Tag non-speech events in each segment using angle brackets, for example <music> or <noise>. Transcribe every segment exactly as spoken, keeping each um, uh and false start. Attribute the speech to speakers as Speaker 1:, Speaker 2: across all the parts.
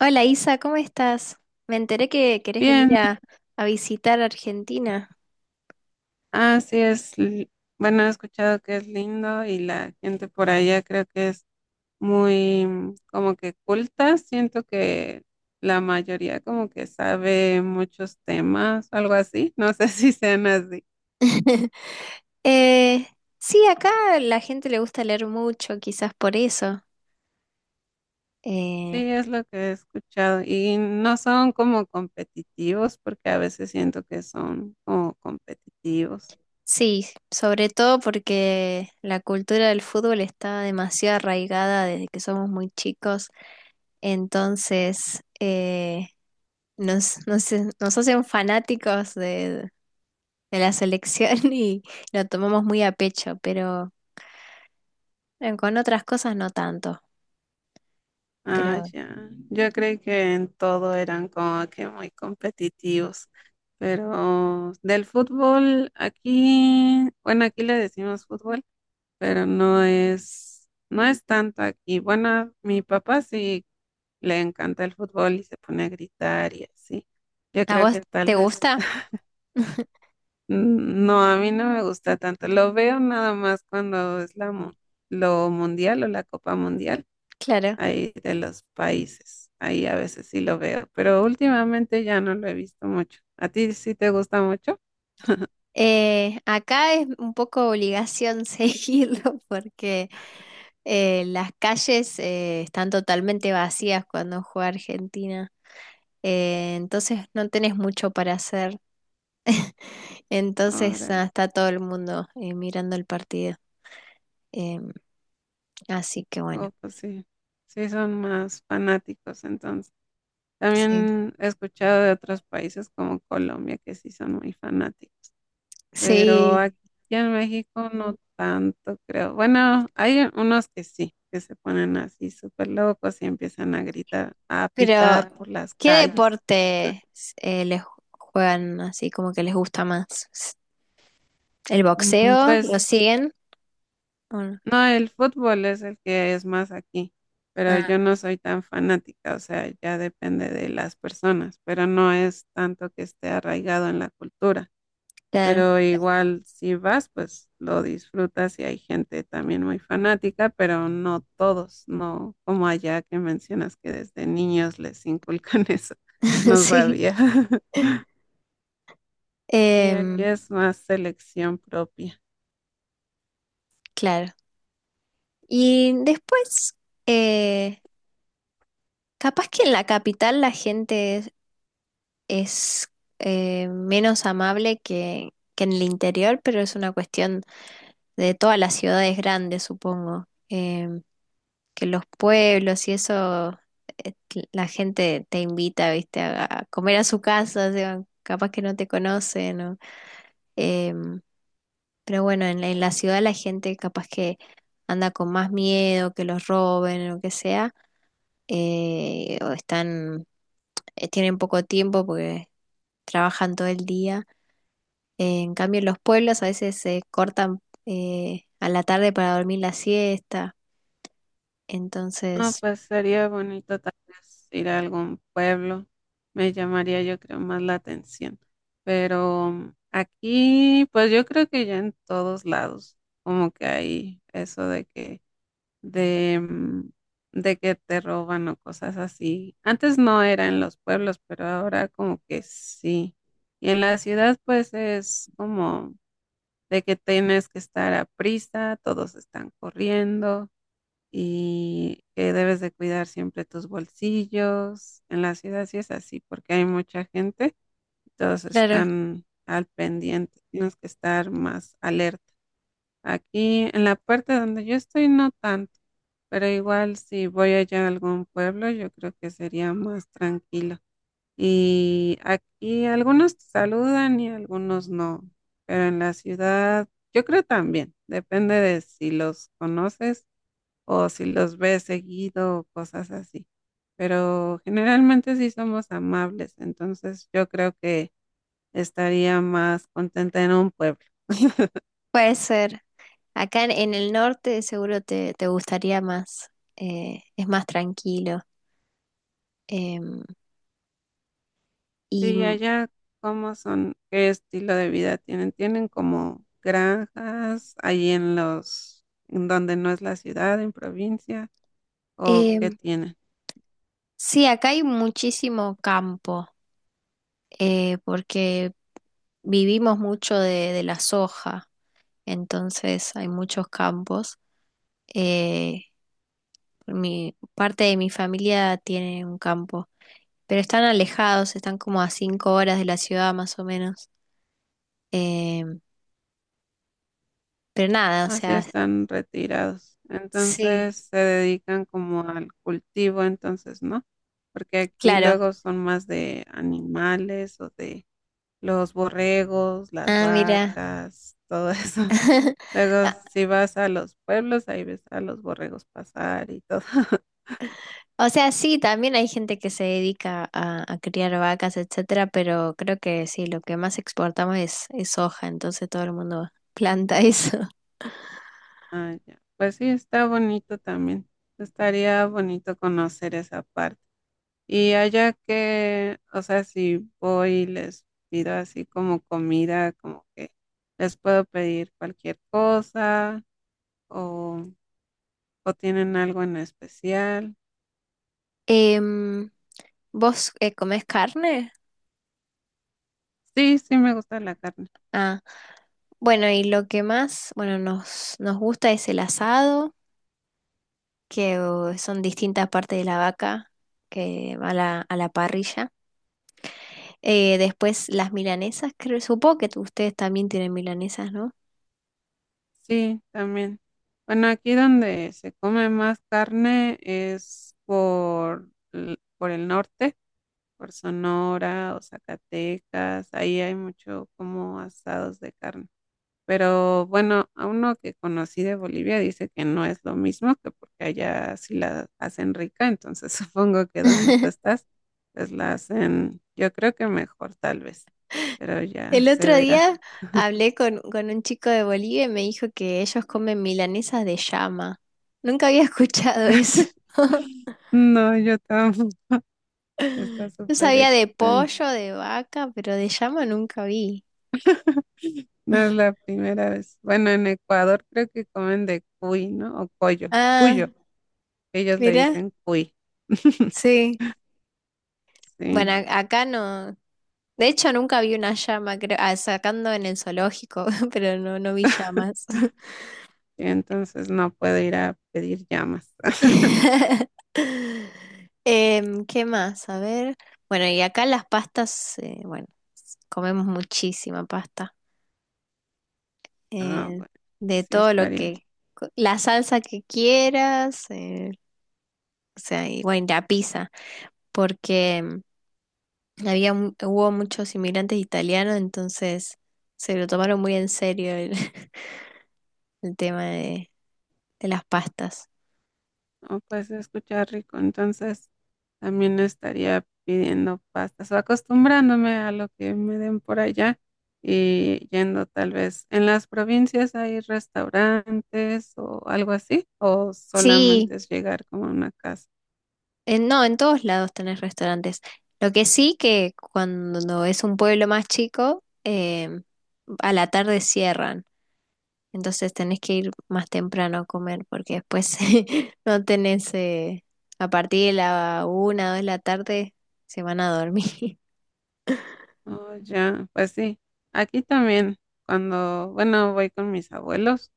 Speaker 1: Hola Isa, ¿cómo estás? Me enteré que querés venir
Speaker 2: Bien,
Speaker 1: a, a visitar Argentina.
Speaker 2: así es. li- Bueno, he escuchado que es lindo y la gente por allá creo que es muy mm, como que culta. Siento que la mayoría como que sabe muchos temas, algo así. No sé <laughs> si sean así.
Speaker 1: <laughs> Eh, sí, acá la gente le gusta leer mucho, quizás por eso. Eh,
Speaker 2: Sí, es lo que he escuchado. Y no son como competitivos porque a veces siento que son como competitivos.
Speaker 1: sí, sobre todo porque la cultura del fútbol está demasiado arraigada desde que somos muy chicos, entonces eh, nos, nos, nos hacen fanáticos de, de la selección <laughs> y lo tomamos muy a pecho, pero bueno, con otras cosas no tanto.
Speaker 2: Ah,
Speaker 1: Pero,
Speaker 2: ya. Yo creí que en todo eran como que muy competitivos. Pero del fútbol, aquí, bueno, aquí le decimos fútbol, pero no es, no es tanto aquí. Bueno, mi papá sí le encanta el fútbol y se pone a gritar y así. Yo
Speaker 1: ¿a
Speaker 2: creo
Speaker 1: vos
Speaker 2: que tal
Speaker 1: te
Speaker 2: vez,
Speaker 1: gusta?
Speaker 2: <laughs> no, a mí no me gusta tanto. Lo veo nada más cuando es la, mu- lo mundial o la Copa Mundial
Speaker 1: Claro.
Speaker 2: ahí de los países. Ahí a veces sí lo veo, pero últimamente ya no lo he visto mucho. ¿A ti sí te gusta mucho?
Speaker 1: Eh, acá es un poco obligación <laughs> seguirlo porque eh, las calles eh, están totalmente vacías cuando juega Argentina. Eh, entonces no tenés mucho para hacer. Entonces ah,
Speaker 2: Órale.
Speaker 1: está todo el mundo eh, mirando el partido. Em, Así que bueno,
Speaker 2: Oh, pues sí. Sí son más fanáticos entonces.
Speaker 1: sí.
Speaker 2: También he escuchado de otros países como Colombia que sí son muy fanáticos, pero aquí
Speaker 1: Sí,
Speaker 2: en México no tanto, creo. Bueno, hay unos que sí, que se ponen así súper locos y empiezan a gritar, a
Speaker 1: pero
Speaker 2: pitar por las
Speaker 1: ¿qué
Speaker 2: calles.
Speaker 1: deporte les juegan así como que les gusta más? ¿El
Speaker 2: Mm,
Speaker 1: boxeo? ¿Lo
Speaker 2: Pues
Speaker 1: siguen? Uno.
Speaker 2: no, el fútbol es el que es más aquí, pero yo
Speaker 1: Ah,
Speaker 2: no soy tan fanática, o sea, ya depende de las personas, pero no es tanto que esté arraigado en la cultura,
Speaker 1: claro,
Speaker 2: pero igual si vas, pues lo disfrutas y hay gente también muy fanática, pero no todos, no como allá que mencionas que desde niños les inculcan <laughs> eso, no
Speaker 1: <laughs> sí,
Speaker 2: sabía. <laughs> Sí, aquí
Speaker 1: em,
Speaker 2: es más selección propia.
Speaker 1: claro. Y después, eh, capaz que en la capital la gente es, es, eh, menos amable que, que en el interior, pero es una cuestión de todas las ciudades grandes, supongo. Em, que los pueblos y eso, eh, la gente te invita, viste, a, a comer a su casa, o sea, capaz que no te conocen, ¿no? Pero bueno, en la, en la ciudad la gente capaz que anda con más miedo, que los roben o lo que sea, eh, o están, eh, tienen poco tiempo porque trabajan todo el día. Eh, en cambio, en los pueblos a veces se cortan eh, a la tarde para dormir la siesta.
Speaker 2: Ah,
Speaker 1: Entonces,
Speaker 2: pues sería bonito tal vez ir a algún pueblo. Me llamaría yo creo más la atención. Pero mm, aquí, pues yo creo que ya en todos lados, como que hay eso de que, de, mm, de que te roban o cosas así. Antes no era en los pueblos, pero ahora como que sí. Y en la ciudad, pues es como de que tienes que estar a prisa, todos están corriendo y que debes de cuidar siempre tus bolsillos. En la ciudad sí es así porque hay mucha gente, todos
Speaker 1: claro,
Speaker 2: están al pendiente, tienes que estar más alerta. Aquí en la parte donde yo estoy no tanto, pero igual si voy allá a algún pueblo yo creo que sería más tranquilo. Y aquí algunos te saludan y algunos no, pero en la ciudad yo creo también, depende de si los conoces o si los ves seguido o cosas así. Pero generalmente sí somos amables, entonces yo creo que estaría más contenta en un pueblo.
Speaker 1: puede ser. Acá en, en el norte seguro te, te gustaría más, eh, es más tranquilo. Em, y
Speaker 2: Y allá, ¿cómo son? ¿Qué estilo de vida tienen? ¿Tienen como granjas ahí en los, en donde no es la ciudad, en provincia? ¿O qué
Speaker 1: em,
Speaker 2: tienen?
Speaker 1: sí, acá hay muchísimo campo. Eh, porque vivimos mucho de, de la soja, entonces hay muchos campos. Eh, mi, Parte de mi familia tiene un campo, pero están alejados, están como a cinco horas de la ciudad más o menos. Eh, pero nada, o
Speaker 2: Así
Speaker 1: sea,
Speaker 2: están retirados.
Speaker 1: sí,
Speaker 2: Entonces se dedican como al cultivo, entonces, ¿no? Porque aquí
Speaker 1: claro.
Speaker 2: luego son más de animales o de los borregos, las
Speaker 1: Ah, mira.
Speaker 2: vacas, todo eso. <laughs>
Speaker 1: <laughs>
Speaker 2: Luego
Speaker 1: Ah,
Speaker 2: si vas a los pueblos, ahí ves a los borregos pasar y todo. <laughs>
Speaker 1: o sea, sí, también hay gente que se dedica a, a criar vacas, etcétera, pero creo que sí, lo que más exportamos es, es soja, entonces todo el mundo <laughs> planta eso.
Speaker 2: Ah, ya. Pues sí, está bonito también. Estaría bonito conocer esa parte. Y allá que, o sea, si voy y les pido así como comida, como que les puedo pedir cualquier cosa o, o tienen algo en especial.
Speaker 1: Em, ¿Vos eh, comés carne?
Speaker 2: Sí, sí me gusta la carne.
Speaker 1: Ah, bueno, y lo que más, bueno, nos, nos gusta es el asado, que oh, son distintas partes de la vaca que va a la, a la parrilla. Eh, después las milanesas, creo, supongo que tú- ustedes también tienen milanesas, ¿no?
Speaker 2: Sí, también. Bueno, aquí donde se come más carne es por, l- por el norte, por Sonora o Zacatecas. Ahí hay mucho como asados de carne. Pero bueno, a uno que conocí de Bolivia dice que no es lo mismo, que porque allá sí la hacen rica, entonces <laughs> supongo que donde tú
Speaker 1: <laughs>
Speaker 2: estás, pues la hacen, yo creo que mejor tal vez, pero ya
Speaker 1: El
Speaker 2: se
Speaker 1: otro
Speaker 2: verá.
Speaker 1: día hablé con, con un chico de Bolivia y me dijo que ellos comen milanesas de llama. Nunca había escuchado eso. <laughs>
Speaker 2: No, yo tampoco, <laughs> está
Speaker 1: Yo
Speaker 2: súper
Speaker 1: sabía de
Speaker 2: extraño.
Speaker 1: pollo, de vaca, pero de llama nunca vi.
Speaker 2: No es la primera vez. Bueno, en Ecuador creo que comen de cuy, ¿no? O collo,
Speaker 1: Ah,
Speaker 2: cuyo, ellos le
Speaker 1: mirá,
Speaker 2: dicen cuy. <laughs>
Speaker 1: sí. Bueno,
Speaker 2: Sí,
Speaker 1: a- acá no. De hecho, nunca vi una llama, creo, ah, sacando en el zoológico, <laughs> pero no, no vi llamas.
Speaker 2: y entonces no puedo ir a pedir llamas. <laughs>
Speaker 1: <laughs> Em, ¿qué más? A ver. Bueno, y acá las pastas, eh, bueno, s- comemos muchísima pasta.
Speaker 2: Ah,
Speaker 1: eh,
Speaker 2: bueno,
Speaker 1: de
Speaker 2: sí
Speaker 1: todo lo
Speaker 2: estaría.
Speaker 1: que, co- la salsa que quieras, eh, o sea, y bueno, y la pizza, porque em, había, mu- hubo muchos inmigrantes italianos, entonces se lo tomaron muy en serio el, <laughs> el tema de, de las pastas.
Speaker 2: O pues escuchar rico, entonces también estaría pidiendo pastas o acostumbrándome a lo que me den por allá y yendo tal vez. ¿En las provincias hay restaurantes o algo así? ¿O
Speaker 1: Sí,
Speaker 2: solamente es llegar como a una casa?
Speaker 1: en- no, en todos lados tenés restaurantes. Lo que sí que cuando es un pueblo más chico, em, a la tarde cierran, entonces tenés que ir más temprano a comer porque después <laughs> no tenés, eh, a partir de la una o dos de la tarde se van a dormir.
Speaker 2: Oh, ya, pues sí. Aquí también, cuando, bueno, voy con mis abuelos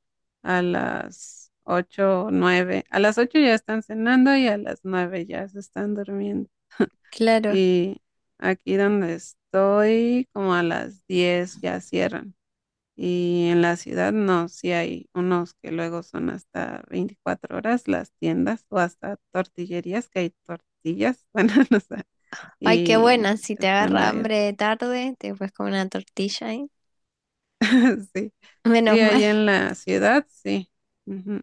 Speaker 2: a las ocho o nueve. A las ocho ya están cenando y a las nueve ya se están durmiendo.
Speaker 1: <laughs> Claro.
Speaker 2: Y aquí donde estoy, como a las diez ya cierran. Y en la ciudad no, sí hay unos que luego son hasta veinticuatro horas las tiendas o hasta tortillerías, que hay tortillas, <laughs> bueno, no sé,
Speaker 1: Ay, qué
Speaker 2: y
Speaker 1: buena. Si te
Speaker 2: están
Speaker 1: agarra hambre
Speaker 2: abiertas.
Speaker 1: de tarde, te puedes comer una tortilla ahí.
Speaker 2: <laughs> Sí,
Speaker 1: Menos
Speaker 2: sí,
Speaker 1: mal,
Speaker 2: ahí
Speaker 1: <laughs>
Speaker 2: en la ciudad, sí. Ujú.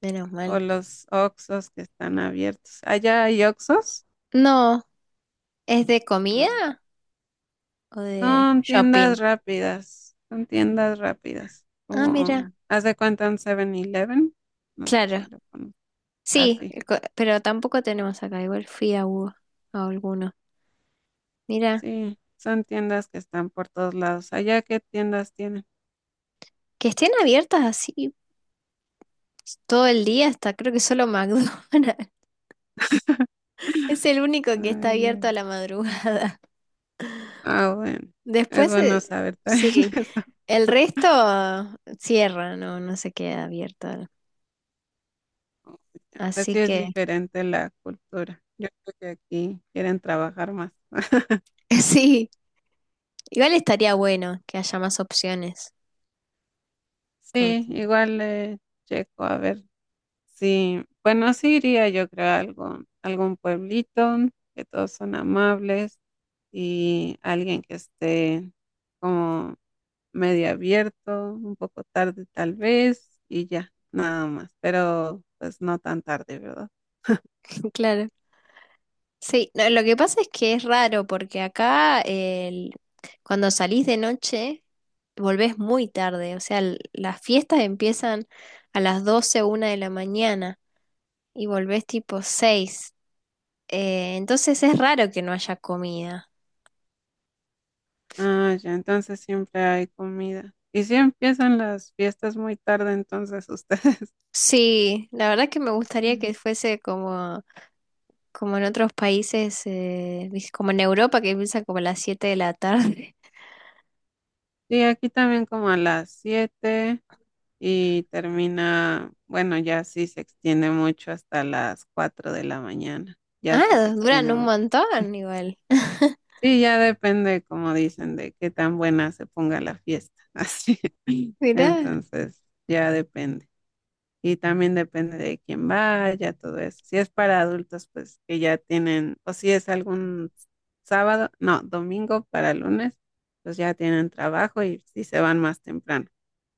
Speaker 1: menos mal.
Speaker 2: O los oxos que están abiertos. ¿Allá hay oxos?
Speaker 1: No, ¿es de comida
Speaker 2: Mm.
Speaker 1: o de
Speaker 2: Son tiendas
Speaker 1: shopping?
Speaker 2: rápidas, son tiendas rápidas,
Speaker 1: Ah, mira,
Speaker 2: como, haz de cuenta en siete-Eleven, no sé
Speaker 1: claro.
Speaker 2: si lo conozco,
Speaker 1: Sí,
Speaker 2: así,
Speaker 1: co- pero tampoco tenemos acá. Igual fui a, u- a alguno. Mira,
Speaker 2: sí, sí, son tiendas que están por todos lados, allá qué tiendas tienen.
Speaker 1: que estén abiertas así todo el día hasta creo que solo McDonald's. <laughs>
Speaker 2: <laughs>
Speaker 1: Es el único que está
Speaker 2: Allá.
Speaker 1: abierto a la madrugada.
Speaker 2: Ah, bueno,
Speaker 1: <laughs>
Speaker 2: es
Speaker 1: Después,
Speaker 2: bueno
Speaker 1: eh,
Speaker 2: saber también <laughs>
Speaker 1: sí,
Speaker 2: eso,
Speaker 1: el resto ah, cierra, no, no se queda abierto. Así
Speaker 2: así es
Speaker 1: que...
Speaker 2: diferente la cultura, yo creo que aquí quieren trabajar más. <laughs>
Speaker 1: <laughs> Sí, igual estaría bueno que haya más opciones,
Speaker 2: Sí,
Speaker 1: porque,
Speaker 2: igual le checo a ver. Sí, bueno, sí iría yo creo a algún, algún pueblito, que todos son amables y alguien que esté como medio abierto, un poco tarde tal vez y ya, nada más, pero pues no tan tarde, ¿verdad?
Speaker 1: <laughs> claro. Sí, no, lo que pasa es que es raro, porque acá el- cuando salís de noche, volvés muy tarde, o sea, l- las fiestas empiezan a las doce una de la mañana y volvés tipo seis, eh, entonces es raro que no haya comida.
Speaker 2: Ah, ya, entonces siempre hay comida. Y si empiezan las fiestas muy tarde, entonces ustedes. <laughs>
Speaker 1: Sí, la verdad que me gustaría
Speaker 2: Mm.
Speaker 1: que fuese como, como en otros países, eh, ¿viste? Como en Europa, que empieza como a las siete de la tarde.
Speaker 2: Sí, aquí también como a las siete, y termina, bueno, ya sí se extiende mucho hasta las cuatro de la mañana, ya sí se
Speaker 1: Ah, duran
Speaker 2: extiende
Speaker 1: un
Speaker 2: mucho.
Speaker 1: montón igual. <laughs>
Speaker 2: Sí, ya depende, como dicen, de qué tan buena se ponga la fiesta, <laughs> así.
Speaker 1: Mirá. Mm.
Speaker 2: Entonces, ya depende y también depende de quién vaya, todo eso. Si es para adultos, pues que ya tienen, o si es algún sábado, no, domingo para lunes, pues ya tienen trabajo y si se van más temprano.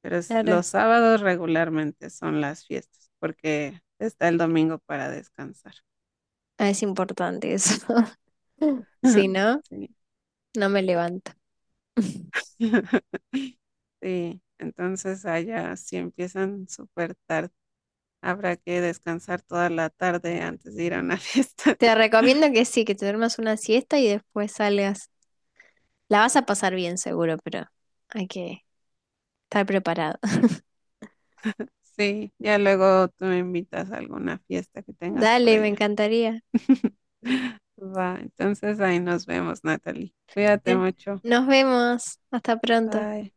Speaker 2: Pero es-
Speaker 1: Claro.
Speaker 2: los sábados regularmente son las fiestas, porque está el domingo para descansar.
Speaker 1: Ah, es importante eso. <laughs> Si
Speaker 2: <laughs>
Speaker 1: no,
Speaker 2: Sí.
Speaker 1: no me levanto. <laughs>
Speaker 2: <laughs> Sí, entonces allá si empiezan súper tarde. Habrá que descansar toda la tarde antes de ir a una <laughs> fiesta.
Speaker 1: Te recomiendo que sí, que te duermas una siesta y después salgas. La vas a pasar bien seguro, pero hay que estar preparado. <laughs>
Speaker 2: Sí, ya luego tú me invitas a alguna fiesta que tengas por
Speaker 1: Dale, me
Speaker 2: allá.
Speaker 1: encantaría.
Speaker 2: <laughs> Va, entonces ahí nos vemos, Natalie. Cuídate
Speaker 1: Eh,
Speaker 2: mucho.
Speaker 1: Nos vemos. Hasta pronto.
Speaker 2: Bye.